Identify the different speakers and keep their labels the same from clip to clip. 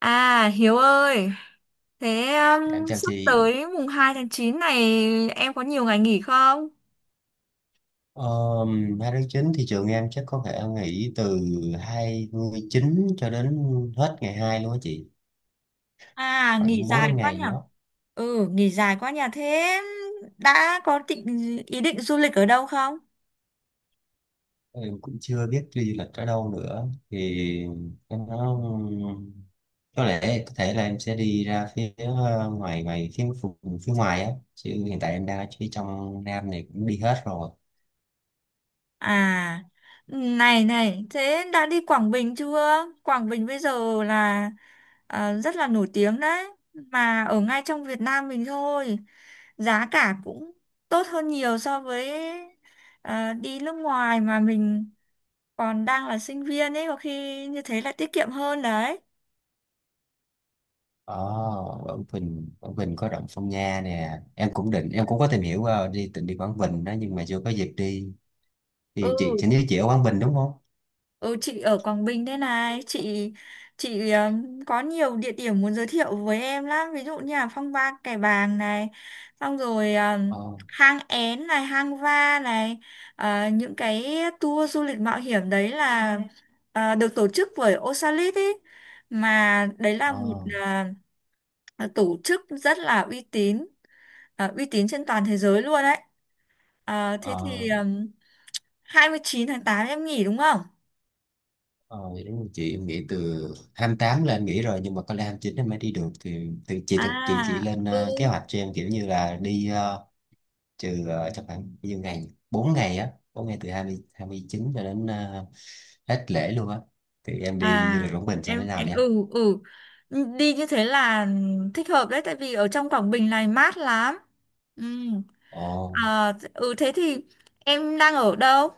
Speaker 1: À Hiếu ơi, thế
Speaker 2: Em chào
Speaker 1: sắp
Speaker 2: chị.
Speaker 1: tới mùng 2 tháng 9 này em có nhiều ngày nghỉ không?
Speaker 2: 2 tháng 9 thị trường em chắc có thể nghỉ từ 29 cho đến hết ngày 2 luôn á chị.
Speaker 1: À, nghỉ
Speaker 2: Khoảng 4
Speaker 1: dài
Speaker 2: 5
Speaker 1: quá
Speaker 2: ngày
Speaker 1: nhỉ?
Speaker 2: gì đó.
Speaker 1: Ừ, nghỉ dài quá nhỉ. Thế đã có ý định du lịch ở đâu không?
Speaker 2: Em cũng chưa biết đi du lịch ở đâu nữa. Thì em nói có lẽ có thể là em sẽ đi ra phía ngoài ngoài phía ngoài á. Chứ hiện tại em đang ở phía trong Nam này cũng đi hết rồi.
Speaker 1: À, này này, thế đã đi Quảng Bình chưa? Quảng Bình bây giờ là rất là nổi tiếng đấy, mà ở ngay trong Việt Nam mình thôi. Giá cả cũng tốt hơn nhiều so với đi nước ngoài mà mình còn đang là sinh viên ấy, có khi như thế là tiết kiệm hơn đấy.
Speaker 2: Ồ, Quảng Bình, Quảng Bình có động Phong Nha nè. Em cũng có tìm hiểu qua đi, định đi Quảng Bình đó nhưng mà chưa có dịp đi. Thì chị
Speaker 1: Ừ.
Speaker 2: chị như chị ở Quảng Bình đúng không?
Speaker 1: Ừ, chị ở Quảng Bình thế này, chị, có nhiều địa điểm muốn giới thiệu với em lắm, ví dụ như là Phong Ba Kẻ Bàng này, xong rồi
Speaker 2: ờ
Speaker 1: Hang Én này, Hang Va này. Những cái tour du lịch mạo hiểm đấy là được tổ chức bởi Osalit ý, mà đấy là
Speaker 2: ờ
Speaker 1: một ờ, tổ chức rất là uy tín, trên toàn thế giới luôn đấy. Thế
Speaker 2: ờ
Speaker 1: thì 29 tháng 8 em nghỉ đúng không?
Speaker 2: ờ Vậy đúng rồi chị, em nghỉ từ 28 lên nghỉ rồi nhưng mà có lẽ 29 em mới đi được, thì chị thực chị
Speaker 1: À,
Speaker 2: lên
Speaker 1: ừ.
Speaker 2: kế hoạch cho em kiểu như là đi chắc khoảng bao nhiêu ngày, 4 ngày á, 4 ngày từ hai hai mươi chín cho đến hết lễ luôn á, thì em đi du
Speaker 1: À,
Speaker 2: lịch Quảng Bình sẽ thế
Speaker 1: em,
Speaker 2: nào
Speaker 1: em
Speaker 2: nha.
Speaker 1: ừ, ừ, đi như thế là thích hợp đấy, tại vì ở trong Quảng Bình này mát lắm. Ừ.
Speaker 2: Ồ,
Speaker 1: À, ừ thế thì em đang ở đâu?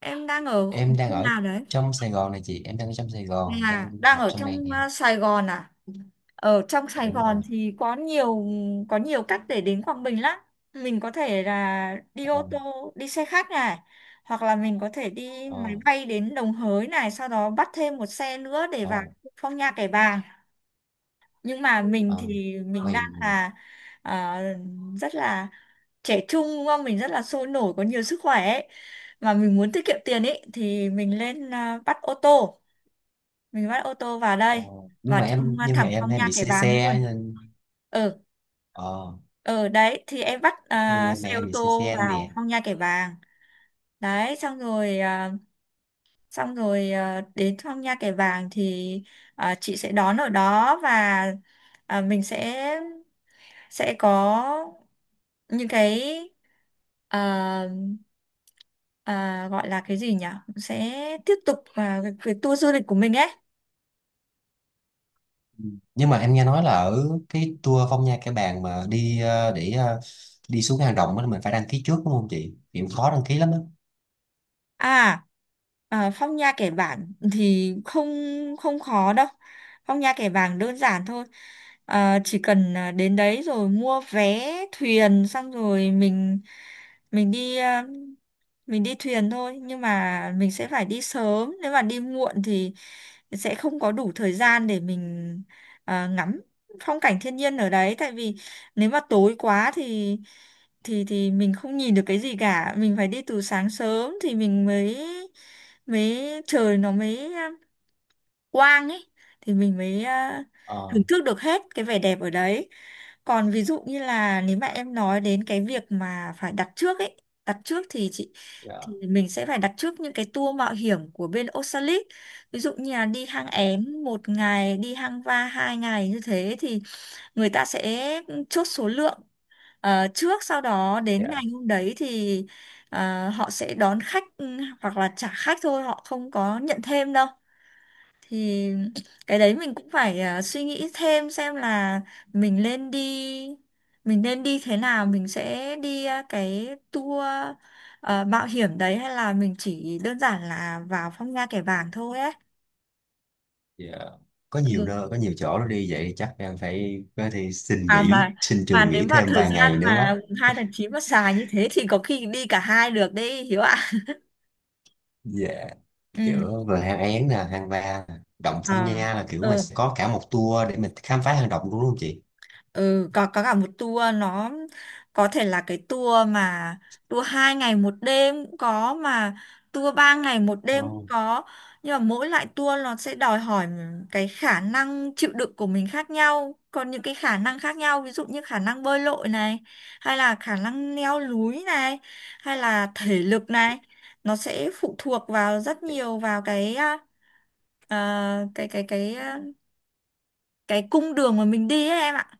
Speaker 1: Em đang ở khu
Speaker 2: em đang
Speaker 1: khu
Speaker 2: ở
Speaker 1: nào đấy?
Speaker 2: trong Sài Gòn này chị, em đang ở trong Sài Gòn đang
Speaker 1: À, đang
Speaker 2: học
Speaker 1: ở
Speaker 2: xong này
Speaker 1: trong
Speaker 2: nè.
Speaker 1: Sài Gòn à? Ở trong
Speaker 2: Dạ,
Speaker 1: Sài
Speaker 2: đúng rồi.
Speaker 1: Gòn thì có nhiều cách để đến Quảng Bình lắm. Mình có thể là đi
Speaker 2: ờ
Speaker 1: ô tô, đi xe khách này, hoặc là mình có thể đi máy
Speaker 2: ờ
Speaker 1: bay đến Đồng Hới này, sau đó bắt thêm một xe nữa để vào
Speaker 2: ờ
Speaker 1: Phong Nha Kẻ Bàng. Nhưng mà mình
Speaker 2: ờ.
Speaker 1: thì mình
Speaker 2: Vậy.
Speaker 1: đang là ờ, rất là trẻ trung đúng không? Mình rất là sôi nổi, có nhiều sức khỏe ấy, mà mình muốn tiết kiệm tiền ấy thì mình lên bắt ô tô, mình bắt ô tô vào
Speaker 2: Ờ,
Speaker 1: đây,
Speaker 2: nhưng
Speaker 1: vào
Speaker 2: mà
Speaker 1: trong
Speaker 2: em, nhưng mà
Speaker 1: thẳng
Speaker 2: em
Speaker 1: trong
Speaker 2: hay
Speaker 1: nha
Speaker 2: bị
Speaker 1: kẻ
Speaker 2: say
Speaker 1: Bàng luôn.
Speaker 2: xe nên…
Speaker 1: Ừ,
Speaker 2: ờ
Speaker 1: ừ đấy thì em bắt
Speaker 2: nhưng mà em
Speaker 1: xe ô
Speaker 2: em bị say
Speaker 1: tô
Speaker 2: xe
Speaker 1: vào
Speaker 2: nè.
Speaker 1: trong nha kẻ Bàng. Đấy xong rồi, đến thăm Nha Kẻ Bàng thì chị sẽ đón ở đó, và mình sẽ có những cái, ờ, ờ, gọi là cái gì nhỉ, sẽ tiếp tục cái tour du lịch của mình ấy.
Speaker 2: Ừ. Nhưng mà em nghe nói là ở cái tour Phong Nha Kẻ Bàng mà đi đi xuống hang động á, mình phải đăng ký trước đúng không chị? Thì cũng khó đăng ký lắm đó.
Speaker 1: À, à, phong nha kẻ bảng thì không không khó đâu. Phong nha kẻ bảng đơn giản thôi. À, chỉ cần đến đấy rồi mua vé thuyền, xong rồi mình đi mình đi thuyền thôi, nhưng mà mình sẽ phải đi sớm, nếu mà đi muộn thì sẽ không có đủ thời gian để mình ngắm phong cảnh thiên nhiên ở đấy. Tại vì nếu mà tối quá thì mình không nhìn được cái gì cả. Mình phải đi từ sáng sớm thì mình mới mới trời nó mới quang ấy, thì mình mới thưởng
Speaker 2: ờ
Speaker 1: thức được hết cái vẻ đẹp ở đấy. Còn ví dụ như là nếu mà em nói đến cái việc mà phải đặt trước ấy, đặt trước thì chị, thì
Speaker 2: dạ.
Speaker 1: mình sẽ phải đặt trước những cái tour mạo hiểm của bên Oxalis. Ví dụ như là đi hang
Speaker 2: dạ
Speaker 1: Én 1 ngày, đi hang Va 2 ngày, như thế thì người ta sẽ chốt số lượng trước, sau đó đến
Speaker 2: dạ
Speaker 1: ngày hôm đấy thì họ sẽ đón khách, ừ, hoặc là trả khách thôi, họ không có nhận thêm đâu. Thì cái đấy mình cũng phải suy nghĩ thêm xem là mình nên đi, mình nên đi thế nào, mình sẽ đi cái tour mạo hiểm đấy, hay là mình chỉ đơn giản là vào phong nha kẻ bàng thôi ấy.
Speaker 2: dạ Có nhiều
Speaker 1: Ừ.
Speaker 2: nơi, có nhiều chỗ nó đi vậy, chắc em phải có thể xin
Speaker 1: à
Speaker 2: nghỉ,
Speaker 1: mà
Speaker 2: xin
Speaker 1: mà
Speaker 2: trường
Speaker 1: nếu
Speaker 2: nghỉ
Speaker 1: mà
Speaker 2: thêm
Speaker 1: thời
Speaker 2: vài
Speaker 1: gian
Speaker 2: ngày nữa quá.
Speaker 1: mà 2 tháng 9 mà xài như thế thì có khi đi cả hai được đấy, Hiếu ạ.
Speaker 2: Dạ,
Speaker 1: Ừ.
Speaker 2: kiểu về hang Én nè, hang Va nè, động Phong
Speaker 1: À.
Speaker 2: Nha, là kiểu mình sẽ có cả một tour để mình khám phá hang động luôn đúng không chị?
Speaker 1: Ừ, có cả một tour, nó có thể là cái tour mà tour 2 ngày 1 đêm cũng có, mà tour ba ngày một
Speaker 2: Ờ,
Speaker 1: đêm cũng có. Nhưng mà mỗi loại tour nó sẽ đòi hỏi cái khả năng chịu đựng của mình khác nhau, còn những cái khả năng khác nhau, ví dụ như khả năng bơi lội này, hay là khả năng leo núi này, hay là thể lực này, nó sẽ phụ thuộc vào rất nhiều vào cái à, à, cái à, cái cung đường mà mình đi ấy, em ạ.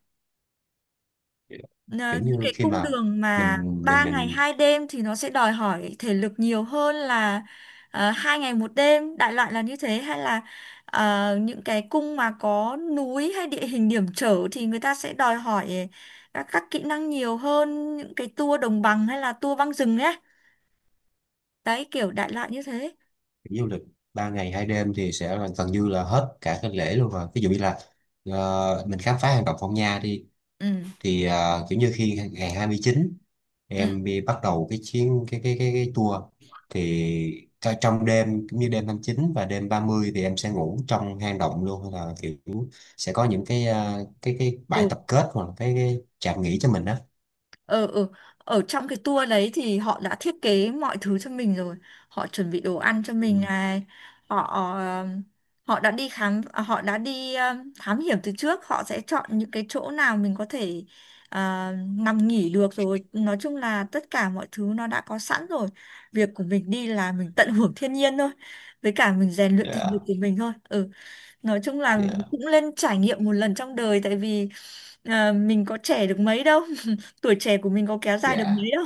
Speaker 1: Ờ,
Speaker 2: kiểu như
Speaker 1: cái
Speaker 2: khi
Speaker 1: cung
Speaker 2: mà
Speaker 1: đường mà
Speaker 2: mình mình
Speaker 1: 3 ngày
Speaker 2: mình
Speaker 1: 2 đêm thì nó sẽ đòi hỏi thể lực nhiều hơn là 2 ngày một đêm, đại loại là như thế. Hay là ờ, những cái cung mà có núi hay địa hình hiểm trở thì người ta sẽ đòi hỏi các kỹ năng nhiều hơn những cái tour đồng bằng hay là tour băng rừng ấy, đấy kiểu đại loại như thế.
Speaker 2: đi du lịch ba ngày hai đêm thì sẽ là gần như là hết cả cái lễ luôn rồi. Ví dụ như là mình khám phá hang động Phong Nha đi,
Speaker 1: Ừ,
Speaker 2: thì kiểu như khi ngày 29
Speaker 1: ừ,
Speaker 2: em đi bắt đầu cái chuyến cái tour, thì trong đêm, cũng như đêm 29 và đêm 30, thì em sẽ ngủ trong hang động luôn hay là kiểu sẽ có những cái cái bãi
Speaker 1: ừ,
Speaker 2: tập kết, hoặc là cái trạm nghỉ cho mình đó?
Speaker 1: ừ, ừ. Ở trong cái tour đấy thì họ đã thiết kế mọi thứ cho mình rồi, họ chuẩn bị đồ ăn cho
Speaker 2: Ừ.
Speaker 1: mình này, họ ờ, họ đã đi khám à, họ đã đi ờ, thám hiểm từ trước, họ sẽ chọn những cái chỗ nào mình có thể ờ, nằm nghỉ được rồi. Nói chung là tất cả mọi thứ nó đã có sẵn rồi, việc của mình đi là mình tận hưởng thiên nhiên thôi, với cả mình rèn luyện thể lực
Speaker 2: dạ
Speaker 1: của mình thôi, ừ. Nói chung là
Speaker 2: dạ
Speaker 1: cũng nên trải nghiệm một lần trong đời, tại vì mình có trẻ được mấy đâu tuổi trẻ của mình có kéo dài được mấy
Speaker 2: dạ
Speaker 1: đâu.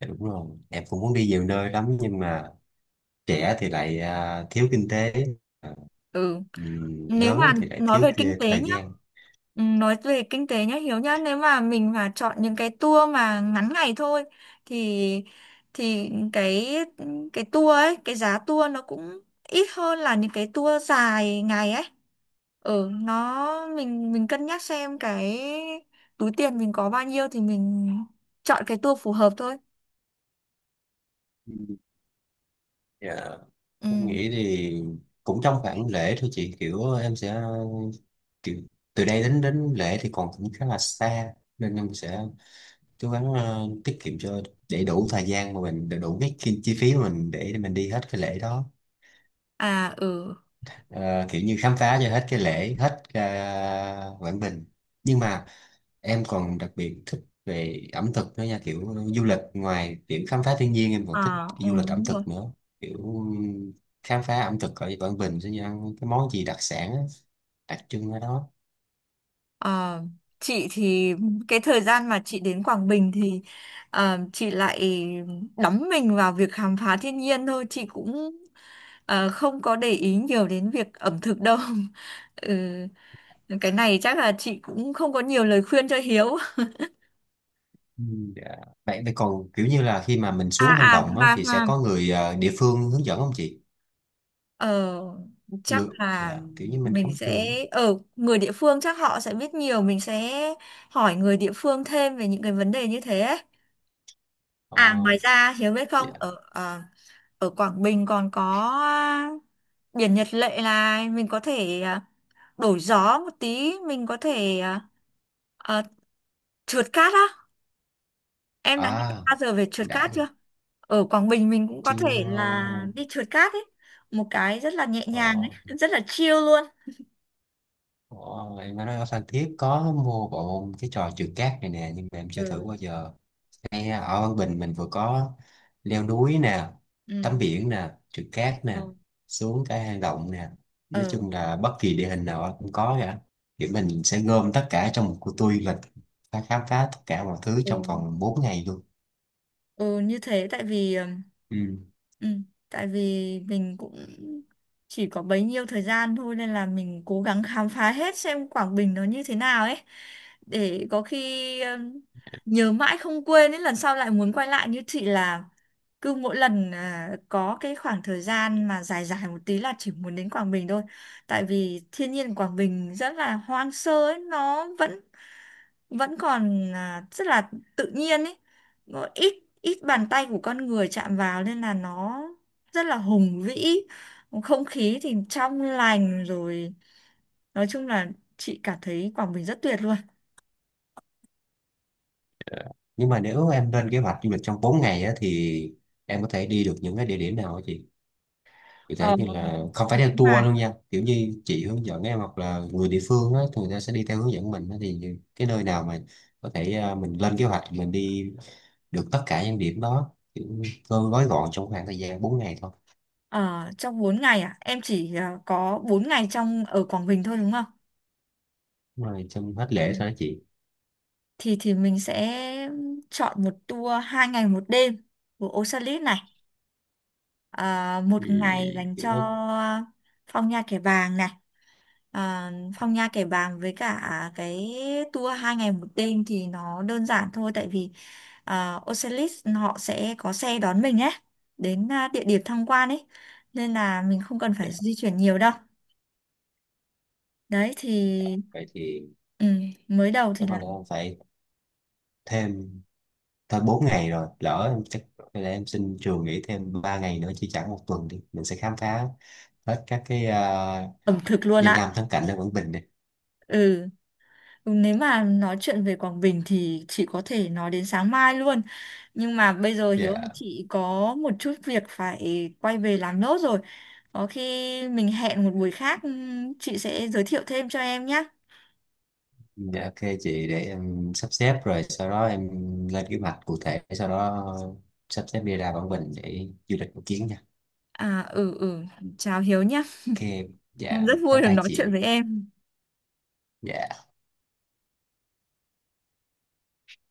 Speaker 2: Dạ, đúng rồi, em cũng muốn đi nhiều nơi lắm nhưng mà trẻ thì lại à, thiếu kinh tế, à,
Speaker 1: Ừ. Nếu
Speaker 2: lớn
Speaker 1: mà
Speaker 2: thì lại
Speaker 1: nói
Speaker 2: thiếu
Speaker 1: về kinh tế
Speaker 2: thời
Speaker 1: nhá,
Speaker 2: gian.
Speaker 1: ừ, nói về kinh tế nhá Hiếu nhá, nếu mà mình mà chọn những cái tour mà ngắn ngày thôi thì thì cái tour ấy, cái giá tour nó cũng ít hơn là những cái tour dài ngày ấy. Ở nó, mình cân nhắc xem cái túi tiền mình có bao nhiêu thì mình chọn cái tour phù hợp thôi.
Speaker 2: Dạ,
Speaker 1: Ừ.
Speaker 2: em nghĩ thì cũng trong khoảng lễ thôi chị, kiểu em sẽ kiểu, từ đây đến đến lễ thì còn cũng khá là xa nên em sẽ cố gắng tiết kiệm cho để đủ thời gian, mà mình để đủ cái chi phí mà mình để mình đi hết cái lễ đó.
Speaker 1: À, ừ.
Speaker 2: Ờ, kiểu như khám phá cho hết cái lễ, hết Quảng Bình. Nhưng mà em còn đặc biệt thích về ẩm thực nữa nha, kiểu du lịch ngoài kiểu khám phá thiên nhiên em còn thích
Speaker 1: À, ừ
Speaker 2: du lịch ẩm
Speaker 1: đúng rồi.
Speaker 2: thực nữa, kiểu khám phá ẩm thực ở Quảng Bình sẽ như ăn cái món gì đặc sản á, đặc trưng ở đó.
Speaker 1: À, chị thì cái thời gian mà chị đến Quảng Bình thì chị lại đắm mình vào việc khám phá thiên nhiên thôi, chị cũng không có để ý nhiều đến việc ẩm thực đâu ừ. Cái này chắc là chị cũng không có nhiều lời khuyên cho Hiếu.
Speaker 2: Ừ. Dạ. Vậy vậy còn kiểu như là khi mà mình
Speaker 1: à
Speaker 2: xuống hang
Speaker 1: à
Speaker 2: động á,
Speaker 1: mà
Speaker 2: thì
Speaker 1: mà
Speaker 2: sẽ có người địa phương hướng dẫn không chị?
Speaker 1: Ờ, chắc
Speaker 2: người
Speaker 1: là
Speaker 2: dạ, kiểu như mình không
Speaker 1: mình
Speaker 2: biết
Speaker 1: sẽ
Speaker 2: đường.
Speaker 1: ở, người địa phương chắc họ sẽ biết nhiều, mình sẽ hỏi người địa phương thêm về những cái vấn đề như thế ấy. À,
Speaker 2: ờ
Speaker 1: ngoài ra Hiếu biết không,
Speaker 2: dạ.
Speaker 1: ở Quảng Bình còn có biển Nhật Lệ, là mình có thể đổi gió một tí, mình có thể ờ, trượt cát á, em đã nghe
Speaker 2: À,
Speaker 1: bao giờ về trượt
Speaker 2: đã
Speaker 1: cát
Speaker 2: rồi.
Speaker 1: chưa? Ở Quảng Bình mình cũng có
Speaker 2: Chưa.
Speaker 1: thể là đi trượt cát ấy, một cái rất là nhẹ
Speaker 2: ờ
Speaker 1: nhàng ấy, rất là chill luôn.
Speaker 2: Ồ, em nói ở Phan Thiết có mua bộ cái trò trượt cát này nè nhưng mà em chưa thử
Speaker 1: Ừ,
Speaker 2: bao giờ. Ngay ở Văn Bình mình vừa có leo núi nè, tắm
Speaker 1: ừ,
Speaker 2: biển nè, trượt cát nè, xuống cái hang động nè, nói
Speaker 1: ờ,
Speaker 2: chung là bất kỳ địa hình nào cũng có cả, thì mình sẽ gom tất cả trong một cuộc tour du lịch và khám phá tất cả mọi thứ trong
Speaker 1: ừ.
Speaker 2: vòng 4 ngày luôn.
Speaker 1: Ừ, như thế tại vì
Speaker 2: Ừ.
Speaker 1: ừ, tại vì mình cũng chỉ có bấy nhiêu thời gian thôi, nên là mình cố gắng khám phá hết xem Quảng Bình nó như thế nào ấy, để có khi nhớ mãi không quên ấy, lần sau lại muốn quay lại, như chị là cứ mỗi lần có cái khoảng thời gian mà dài dài một tí là chỉ muốn đến Quảng Bình thôi. Tại vì thiên nhiên Quảng Bình rất là hoang sơ ấy, nó vẫn vẫn còn rất là tự nhiên ấy, ờ, ít ít bàn tay của con người chạm vào, nên là nó rất là hùng vĩ, không khí thì trong lành rồi. Nói chung là chị cảm thấy Quảng Bình rất tuyệt luôn.
Speaker 2: Nhưng mà nếu em lên kế hoạch du lịch trong 4 ngày á, thì em có thể đi được những cái địa điểm nào hả chị? Cụ thể
Speaker 1: ờ,
Speaker 2: như là không phải theo
Speaker 1: mà
Speaker 2: tour luôn nha, kiểu như chị hướng dẫn em hoặc là người địa phương á, thì người ta sẽ đi theo hướng dẫn mình á, thì cái nơi nào mà có thể à, mình lên kế hoạch mình đi được tất cả những điểm đó, kiểu cơ gói gọn trong khoảng thời gian bốn ngày thôi.
Speaker 1: ờ, trong 4 ngày em chỉ có 4 ngày trong ở Quảng Bình thôi đúng không?
Speaker 2: Đúng rồi, trong hết
Speaker 1: Ừ.
Speaker 2: lễ thôi đó chị.
Speaker 1: Thì mình sẽ chọn một tour 2 ngày 1 đêm của Osalit này, một
Speaker 2: Ừ,
Speaker 1: ngày dành cho
Speaker 2: kiểu đó.
Speaker 1: Phong Nha Kẻ Bàng này. À, Phong Nha Kẻ Bàng với cả cái tour 2 ngày 1 đêm thì nó đơn giản thôi, tại vì Ocelis họ sẽ có xe đón mình ấy đến địa điểm tham quan ấy, nên là mình không cần
Speaker 2: Dạ,
Speaker 1: phải di chuyển nhiều đâu. Đấy thì,
Speaker 2: vậy thì
Speaker 1: ừ, mới đầu
Speaker 2: chắc
Speaker 1: thì là
Speaker 2: có lẽ em phải thêm thêm 4 ngày rồi, lỡ em chắc có lẽ em xin trường nghỉ thêm 3 ngày nữa, chỉ chẳng một tuần đi mình sẽ khám phá hết các cái à,
Speaker 1: ẩm thực luôn
Speaker 2: danh
Speaker 1: ạ.
Speaker 2: lam thắng cảnh ở Quảng Bình này.
Speaker 1: Ừ. Ừ, nếu mà nói chuyện về Quảng Bình thì chị có thể nói đến sáng mai luôn. Nhưng mà bây giờ Hiếu ơi,
Speaker 2: Dạ.
Speaker 1: chị có một chút việc phải quay về làm nốt rồi. Có khi mình hẹn một buổi khác, chị sẽ giới thiệu thêm cho em nhé.
Speaker 2: Dạ ok chị, để em sắp xếp rồi sau đó em lên kế hoạch cụ thể, sau đó sắp xếp đi ra Quảng Bình để du lịch một chuyến nha.
Speaker 1: À, ừ, ừ, chào Hiếu nhé.
Speaker 2: Ok,
Speaker 1: Em
Speaker 2: dạ
Speaker 1: rất vui
Speaker 2: bye
Speaker 1: được
Speaker 2: bye
Speaker 1: nói chuyện
Speaker 2: chị.
Speaker 1: với em.
Speaker 2: Dạ.